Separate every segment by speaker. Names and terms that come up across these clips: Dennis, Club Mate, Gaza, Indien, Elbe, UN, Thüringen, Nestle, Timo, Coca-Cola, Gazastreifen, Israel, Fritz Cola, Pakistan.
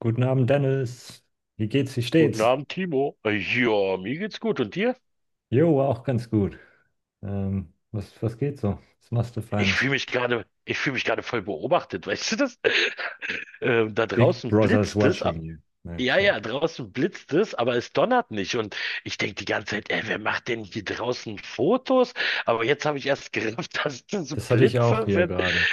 Speaker 1: Guten Abend, Dennis. Wie geht's? Wie
Speaker 2: Guten
Speaker 1: steht's?
Speaker 2: Abend, Timo. Ja, mir geht's gut. Und dir?
Speaker 1: Jo, auch ganz gut. Was geht so? Was machst du Feines?
Speaker 2: Ich fühle mich gerade voll beobachtet, weißt du das? Da
Speaker 1: Big
Speaker 2: draußen
Speaker 1: Brother's
Speaker 2: blitzt es.
Speaker 1: watching you. Nein,
Speaker 2: Ja,
Speaker 1: check.
Speaker 2: ja, draußen blitzt es, aber es donnert nicht. Und ich denke die ganze Zeit, ey, wer macht denn hier draußen Fotos? Aber jetzt habe ich erst gerafft, dass das
Speaker 1: Das hatte ich auch
Speaker 2: Blitze
Speaker 1: hier
Speaker 2: sind,
Speaker 1: gerade.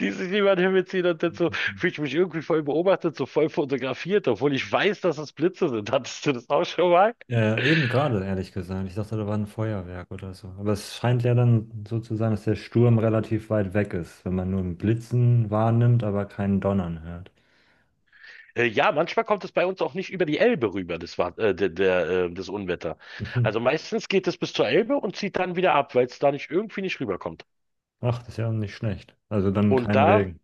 Speaker 2: die sich niemand hinbeziehen. Und jetzt so
Speaker 1: Interessant.
Speaker 2: fühle ich mich irgendwie voll beobachtet, so voll fotografiert, obwohl ich weiß, dass es Blitze sind. Hattest du das auch schon mal?
Speaker 1: Eben gerade, ehrlich gesagt. Ich dachte, da war ein Feuerwerk oder so. Aber es scheint ja dann so zu sein, dass der Sturm relativ weit weg ist, wenn man nur ein Blitzen wahrnimmt, aber keinen Donnern hört.
Speaker 2: Ja, manchmal kommt es bei uns auch nicht über die Elbe rüber, das war, das Unwetter.
Speaker 1: Mhm.
Speaker 2: Also meistens geht es bis zur Elbe und zieht dann wieder ab, weil es da nicht irgendwie nicht rüberkommt.
Speaker 1: Ach, das ist ja nicht schlecht. Also dann
Speaker 2: Und
Speaker 1: kein
Speaker 2: da,
Speaker 1: Regen.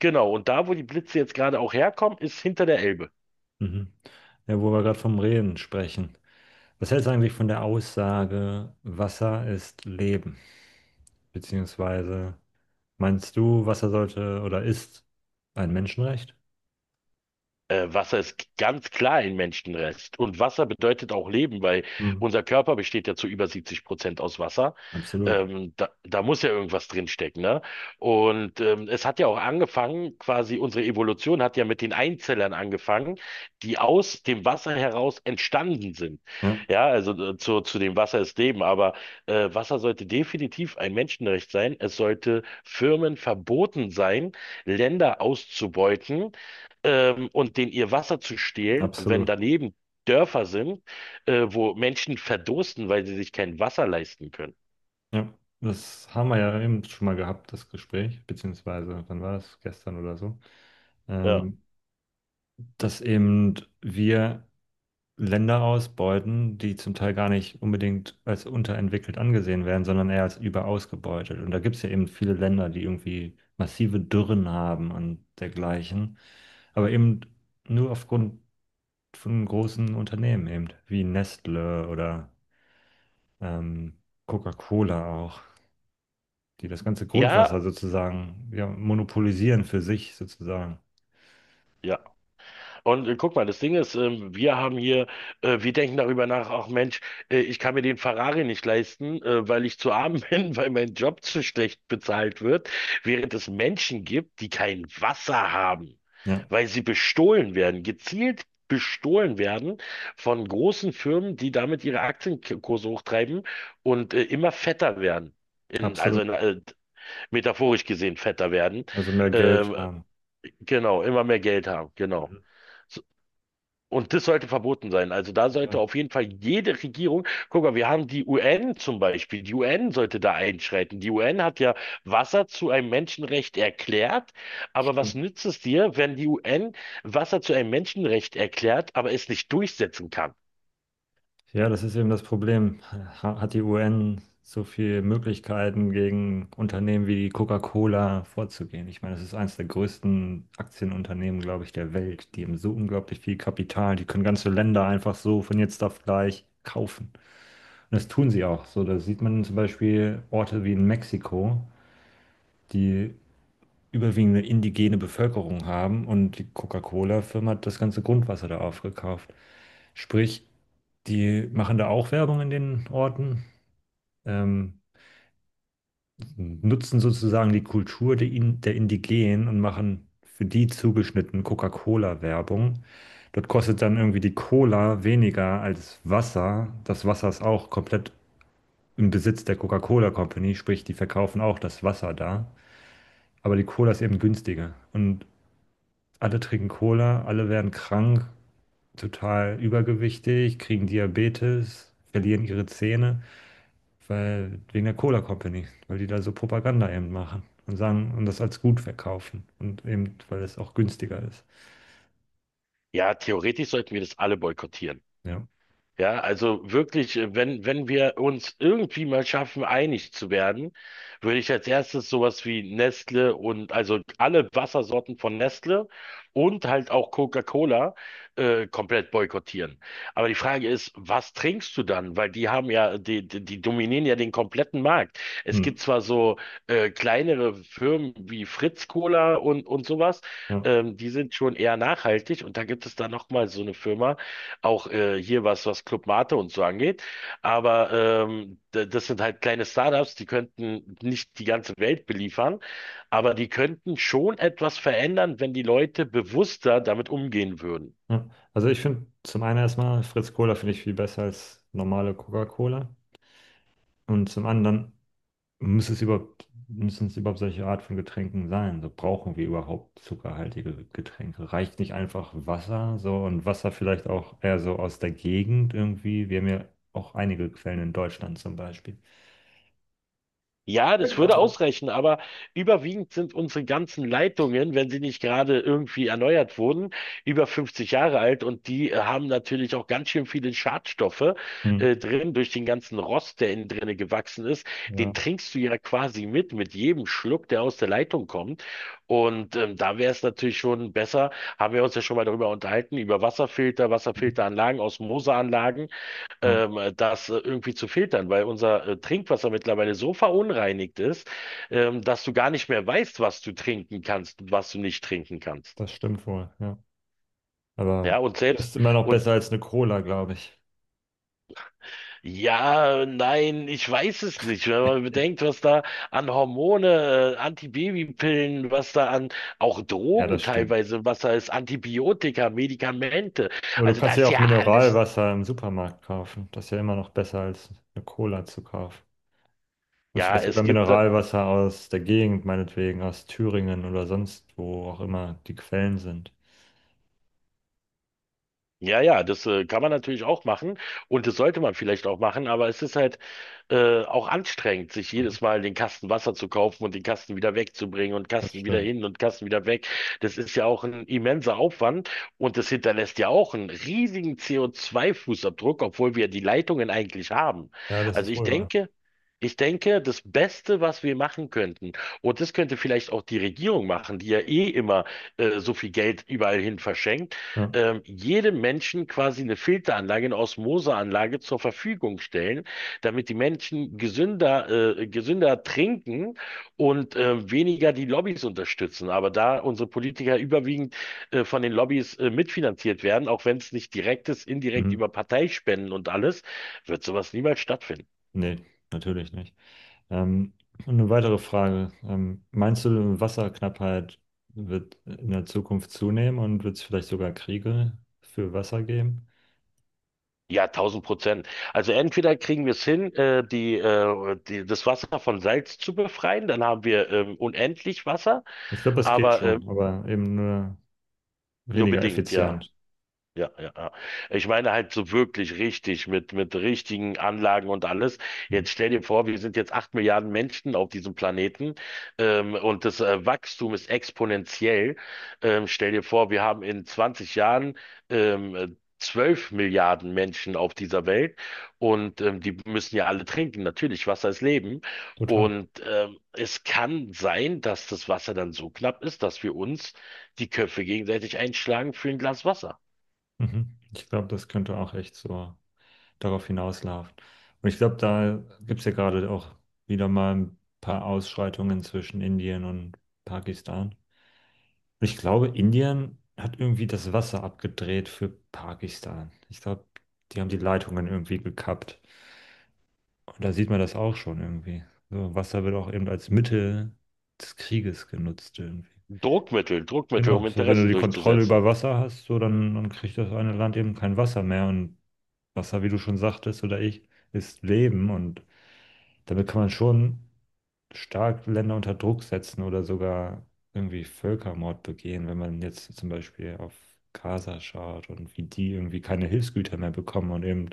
Speaker 2: genau, und da, wo die Blitze jetzt gerade auch herkommen, ist hinter der Elbe.
Speaker 1: Mhm. Ja, wo wir gerade vom Reden sprechen. Was hältst du eigentlich von der Aussage, Wasser ist Leben? Beziehungsweise meinst du, Wasser sollte oder ist ein Menschenrecht?
Speaker 2: Wasser ist ganz klar ein Menschenrest. Und Wasser bedeutet auch Leben, weil
Speaker 1: Hm,
Speaker 2: unser Körper besteht ja zu über 70% aus Wasser.
Speaker 1: absolut.
Speaker 2: Da muss ja irgendwas drinstecken, ne? Und es hat ja auch angefangen, quasi unsere Evolution hat ja mit den Einzellern angefangen, die aus dem Wasser heraus entstanden sind.
Speaker 1: Ja,
Speaker 2: Ja, also zu dem Wasser ist Leben, aber Wasser sollte definitiv ein Menschenrecht sein. Es sollte Firmen verboten sein, Länder auszubeuten, und denen ihr Wasser zu stehlen, wenn
Speaker 1: absolut.
Speaker 2: daneben Dörfer sind, wo Menschen verdursten, weil sie sich kein Wasser leisten können.
Speaker 1: Ja, das haben wir ja eben schon mal gehabt, das Gespräch, beziehungsweise wann war das? Gestern oder so.
Speaker 2: Ja.
Speaker 1: Ähm, dass eben wir Länder ausbeuten, die zum Teil gar nicht unbedingt als unterentwickelt angesehen werden, sondern eher als überausgebeutet. Und da gibt es ja eben viele Länder, die irgendwie massive Dürren haben und dergleichen, aber eben nur aufgrund von großen Unternehmen eben, wie Nestle oder ähm, Coca-Cola auch, die das ganze
Speaker 2: Ja,
Speaker 1: Grundwasser sozusagen ja, monopolisieren für sich sozusagen.
Speaker 2: ja. Und guck mal, das Ding ist, wir denken darüber nach, ach Mensch, ich kann mir den Ferrari nicht leisten, weil ich zu arm bin, weil mein Job zu schlecht bezahlt wird, während es Menschen gibt, die kein Wasser haben,
Speaker 1: Ja,
Speaker 2: weil sie bestohlen werden, gezielt bestohlen werden von großen Firmen, die damit ihre Aktienkurse hochtreiben und immer fetter werden. Also
Speaker 1: absolut.
Speaker 2: in, metaphorisch gesehen fetter werden.
Speaker 1: Also mehr Geld
Speaker 2: Ähm,
Speaker 1: haben.
Speaker 2: genau, immer mehr Geld haben, genau.
Speaker 1: Mhm.
Speaker 2: So- Und das sollte verboten sein. Also da
Speaker 1: Ja,
Speaker 2: sollte auf jeden Fall jede Regierung, guck mal, wir haben die UN zum Beispiel, die UN sollte da einschreiten. Die UN hat ja Wasser zu einem Menschenrecht erklärt, aber was
Speaker 1: stimmt.
Speaker 2: nützt es dir, wenn die UN Wasser zu einem Menschenrecht erklärt, aber es nicht durchsetzen kann?
Speaker 1: Ja, das ist eben das Problem. Hat die UN so viele Möglichkeiten, gegen Unternehmen wie die Coca-Cola vorzugehen? Ich meine, das ist eines der größten Aktienunternehmen, glaube ich, der Welt. Die haben so unglaublich viel Kapital. Die können ganze Länder einfach so von jetzt auf gleich kaufen. Und das tun sie auch. So, da sieht man zum Beispiel Orte wie in Mexiko, die überwiegend eine indigene Bevölkerung haben und die Coca-Cola-Firma hat das ganze Grundwasser da aufgekauft. Sprich, die machen da auch Werbung in den Orten, ähm, nutzen sozusagen die Kultur der, der Indigenen und machen für die zugeschnitten Coca-Cola-Werbung. Dort kostet dann irgendwie die Cola weniger als Wasser. Das Wasser ist auch komplett im Besitz der Coca-Cola Company, sprich, die verkaufen auch das Wasser da. Aber die Cola ist eben günstiger. Und alle trinken Cola, alle werden krank, total übergewichtig, kriegen Diabetes, verlieren ihre Zähne, weil wegen der Cola Company, weil die da so Propaganda eben machen und sagen und das als gut verkaufen und eben, weil es auch günstiger ist.
Speaker 2: Ja, theoretisch sollten wir das alle boykottieren.
Speaker 1: Ja.
Speaker 2: Ja, also wirklich, wenn wir uns irgendwie mal schaffen, einig zu werden, würde ich als erstes sowas wie Nestle und also alle Wassersorten von Nestle und halt auch Coca-Cola komplett boykottieren. Aber die Frage ist, was trinkst du dann? Weil die haben ja, die dominieren ja den kompletten Markt. Es
Speaker 1: Hm.
Speaker 2: gibt zwar so kleinere Firmen wie Fritz Cola und sowas,
Speaker 1: Ja.
Speaker 2: die sind schon eher nachhaltig, und da gibt es dann nochmal so eine Firma auch hier, was Club Mate und so angeht. Aber das sind halt kleine Startups, die könnten nicht die ganze Welt beliefern, aber die könnten schon etwas verändern, wenn die Leute bewusster damit umgehen würden.
Speaker 1: Ja. Also ich finde zum einen erstmal Fritz Cola finde ich viel besser als normale Coca-Cola und zum anderen muss es überhaupt Müssen es überhaupt solche Art von Getränken sein? So brauchen wir überhaupt zuckerhaltige Getränke? Reicht nicht einfach Wasser so und Wasser vielleicht auch eher so aus der Gegend irgendwie? Wir haben ja auch einige Quellen in Deutschland zum Beispiel.
Speaker 2: Ja, das würde ausreichen, aber überwiegend sind unsere ganzen Leitungen, wenn sie nicht gerade irgendwie erneuert wurden, über 50 Jahre alt und die haben natürlich auch ganz schön viele Schadstoffe
Speaker 1: Hm.
Speaker 2: drin, durch den ganzen Rost, der innen drinne gewachsen ist.
Speaker 1: Ja.
Speaker 2: Den trinkst du ja quasi mit jedem Schluck, der aus der Leitung kommt. Und da wäre es natürlich schon besser, haben wir uns ja schon mal darüber unterhalten, über Wasserfilter,
Speaker 1: Mhm.
Speaker 2: Wasserfilteranlagen, Osmoseanlagen,
Speaker 1: Ja,
Speaker 2: das irgendwie zu filtern, weil unser Trinkwasser mittlerweile so verunreinigt ist, dass du gar nicht mehr weißt, was du trinken kannst und was du nicht trinken kannst.
Speaker 1: das stimmt wohl, ja.
Speaker 2: Ja,
Speaker 1: Aber
Speaker 2: und selbst,
Speaker 1: ist immer noch
Speaker 2: und
Speaker 1: besser als eine Cola, glaube ich.
Speaker 2: ja, nein, ich weiß es nicht. Wenn man bedenkt, was da an Hormone, Antibabypillen, was da an auch
Speaker 1: Ja, das
Speaker 2: Drogen
Speaker 1: stimmt.
Speaker 2: teilweise, was da ist, Antibiotika, Medikamente.
Speaker 1: Aber du
Speaker 2: Also da
Speaker 1: kannst ja
Speaker 2: ist
Speaker 1: auch
Speaker 2: ja alles.
Speaker 1: Mineralwasser im Supermarkt kaufen. Das ist ja immer noch besser als eine Cola zu kaufen. Und
Speaker 2: Ja,
Speaker 1: vielleicht sogar
Speaker 2: es gibt da
Speaker 1: Mineralwasser aus der Gegend, meinetwegen, aus Thüringen oder sonst wo auch immer die Quellen sind.
Speaker 2: Ja, ja, das kann man natürlich auch machen, und das sollte man vielleicht auch machen, aber es ist halt auch anstrengend, sich
Speaker 1: Mhm.
Speaker 2: jedes Mal den Kasten Wasser zu kaufen und den Kasten wieder wegzubringen und
Speaker 1: Das
Speaker 2: Kasten wieder
Speaker 1: stimmt.
Speaker 2: hin und Kasten wieder weg. Das ist ja auch ein immenser Aufwand, und das hinterlässt ja auch einen riesigen CO2-Fußabdruck, obwohl wir die Leitungen eigentlich haben.
Speaker 1: Ja, das
Speaker 2: Also
Speaker 1: ist
Speaker 2: ich
Speaker 1: wohl wahr.
Speaker 2: denke, ich denke, das Beste, was wir machen könnten, und das könnte vielleicht auch die Regierung machen, die ja eh immer so viel Geld überall hin verschenkt,
Speaker 1: Ja.
Speaker 2: jedem Menschen quasi eine Filteranlage, eine Osmoseanlage zur Verfügung stellen, damit die Menschen gesünder trinken und weniger die Lobbys unterstützen. Aber da unsere Politiker überwiegend von den Lobbys mitfinanziert werden, auch wenn es nicht direkt ist, indirekt
Speaker 1: Mhm.
Speaker 2: über Parteispenden und alles, wird sowas niemals stattfinden.
Speaker 1: Nee, natürlich nicht. Ähm, eine weitere Frage. Meinst du, Wasserknappheit wird in der Zukunft zunehmen und wird es vielleicht sogar Kriege für Wasser geben?
Speaker 2: Ja, 1000%. Also entweder kriegen wir es hin, das Wasser von Salz zu befreien, dann haben wir unendlich Wasser.
Speaker 1: Ich glaube, das geht
Speaker 2: Aber
Speaker 1: schon, aber eben nur
Speaker 2: nur
Speaker 1: weniger
Speaker 2: bedingt, ja.
Speaker 1: effizient.
Speaker 2: Ja, ja, ja. Ich meine halt so wirklich richtig mit richtigen Anlagen und alles.
Speaker 1: Mhm.
Speaker 2: Jetzt stell dir vor, wir sind jetzt 8 Milliarden Menschen auf diesem Planeten, und das Wachstum ist exponentiell. Stell dir vor, wir haben in 20 Jahren 12 Milliarden Menschen auf dieser Welt, und die müssen ja alle trinken. Natürlich, Wasser ist Leben.
Speaker 1: Total.
Speaker 2: Und es kann sein, dass das Wasser dann so knapp ist, dass wir uns die Köpfe gegenseitig einschlagen für ein Glas Wasser.
Speaker 1: Mhm. Ich glaube, das könnte auch echt so darauf hinauslaufen. Und ich glaube, da gibt es ja gerade auch wieder mal ein paar Ausschreitungen zwischen Indien und Pakistan. Und ich glaube, Indien hat irgendwie das Wasser abgedreht für Pakistan. Ich glaube, die haben die Leitungen irgendwie gekappt. Und da sieht man das auch schon irgendwie. So, Wasser wird auch eben als Mittel des Krieges genutzt irgendwie.
Speaker 2: Druckmittel, Druckmittel,
Speaker 1: Genau,
Speaker 2: um
Speaker 1: so wenn du
Speaker 2: Interessen
Speaker 1: die Kontrolle über
Speaker 2: durchzusetzen.
Speaker 1: Wasser hast, so dann, dann kriegt das eine Land eben kein Wasser mehr. Und Wasser, wie du schon sagtest, oder ich, ist Leben. Und damit kann man schon stark Länder unter Druck setzen oder sogar irgendwie Völkermord begehen, wenn man jetzt zum Beispiel auf Gaza schaut und wie die irgendwie keine Hilfsgüter mehr bekommen und eben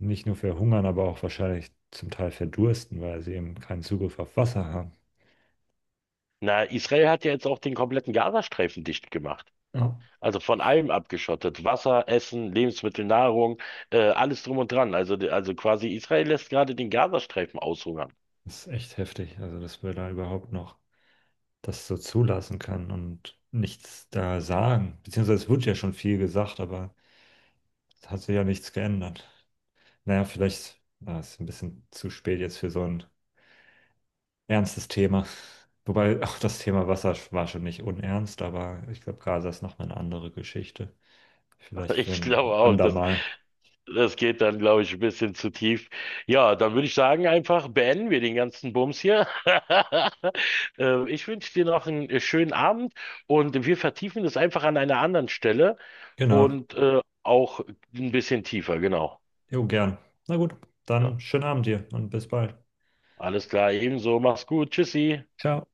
Speaker 1: nicht nur verhungern, aber auch wahrscheinlich zum Teil verdursten, weil sie eben keinen Zugriff auf Wasser haben.
Speaker 2: Na, Israel hat ja jetzt auch den kompletten Gazastreifen dicht gemacht.
Speaker 1: Ja.
Speaker 2: Also von allem abgeschottet. Wasser, Essen, Lebensmittel, Nahrung, alles drum und dran. Also quasi, Israel lässt gerade den Gazastreifen aushungern.
Speaker 1: Das ist echt heftig, also dass wir da überhaupt noch das so zulassen können und nichts da sagen. Beziehungsweise es wird ja schon viel gesagt, aber es hat sich ja nichts geändert. Naja, vielleicht ah, ist ein bisschen zu spät jetzt für so ein ernstes Thema. Wobei auch das Thema Wasser war schon nicht unernst, aber ich glaube, Gaza ist nochmal eine andere Geschichte. Vielleicht für
Speaker 2: Ich
Speaker 1: ein
Speaker 2: glaube auch,
Speaker 1: andermal.
Speaker 2: das geht dann, glaube ich, ein bisschen zu tief. Ja, dann würde ich sagen, einfach beenden wir den ganzen Bums hier. Ich wünsche dir noch einen schönen Abend, und wir vertiefen das einfach an einer anderen Stelle
Speaker 1: Genau.
Speaker 2: und auch ein bisschen tiefer, genau.
Speaker 1: Jo, gern. Na gut,
Speaker 2: Ja.
Speaker 1: dann schönen Abend dir und bis bald.
Speaker 2: Alles klar, ebenso. Mach's gut. Tschüssi.
Speaker 1: Ciao.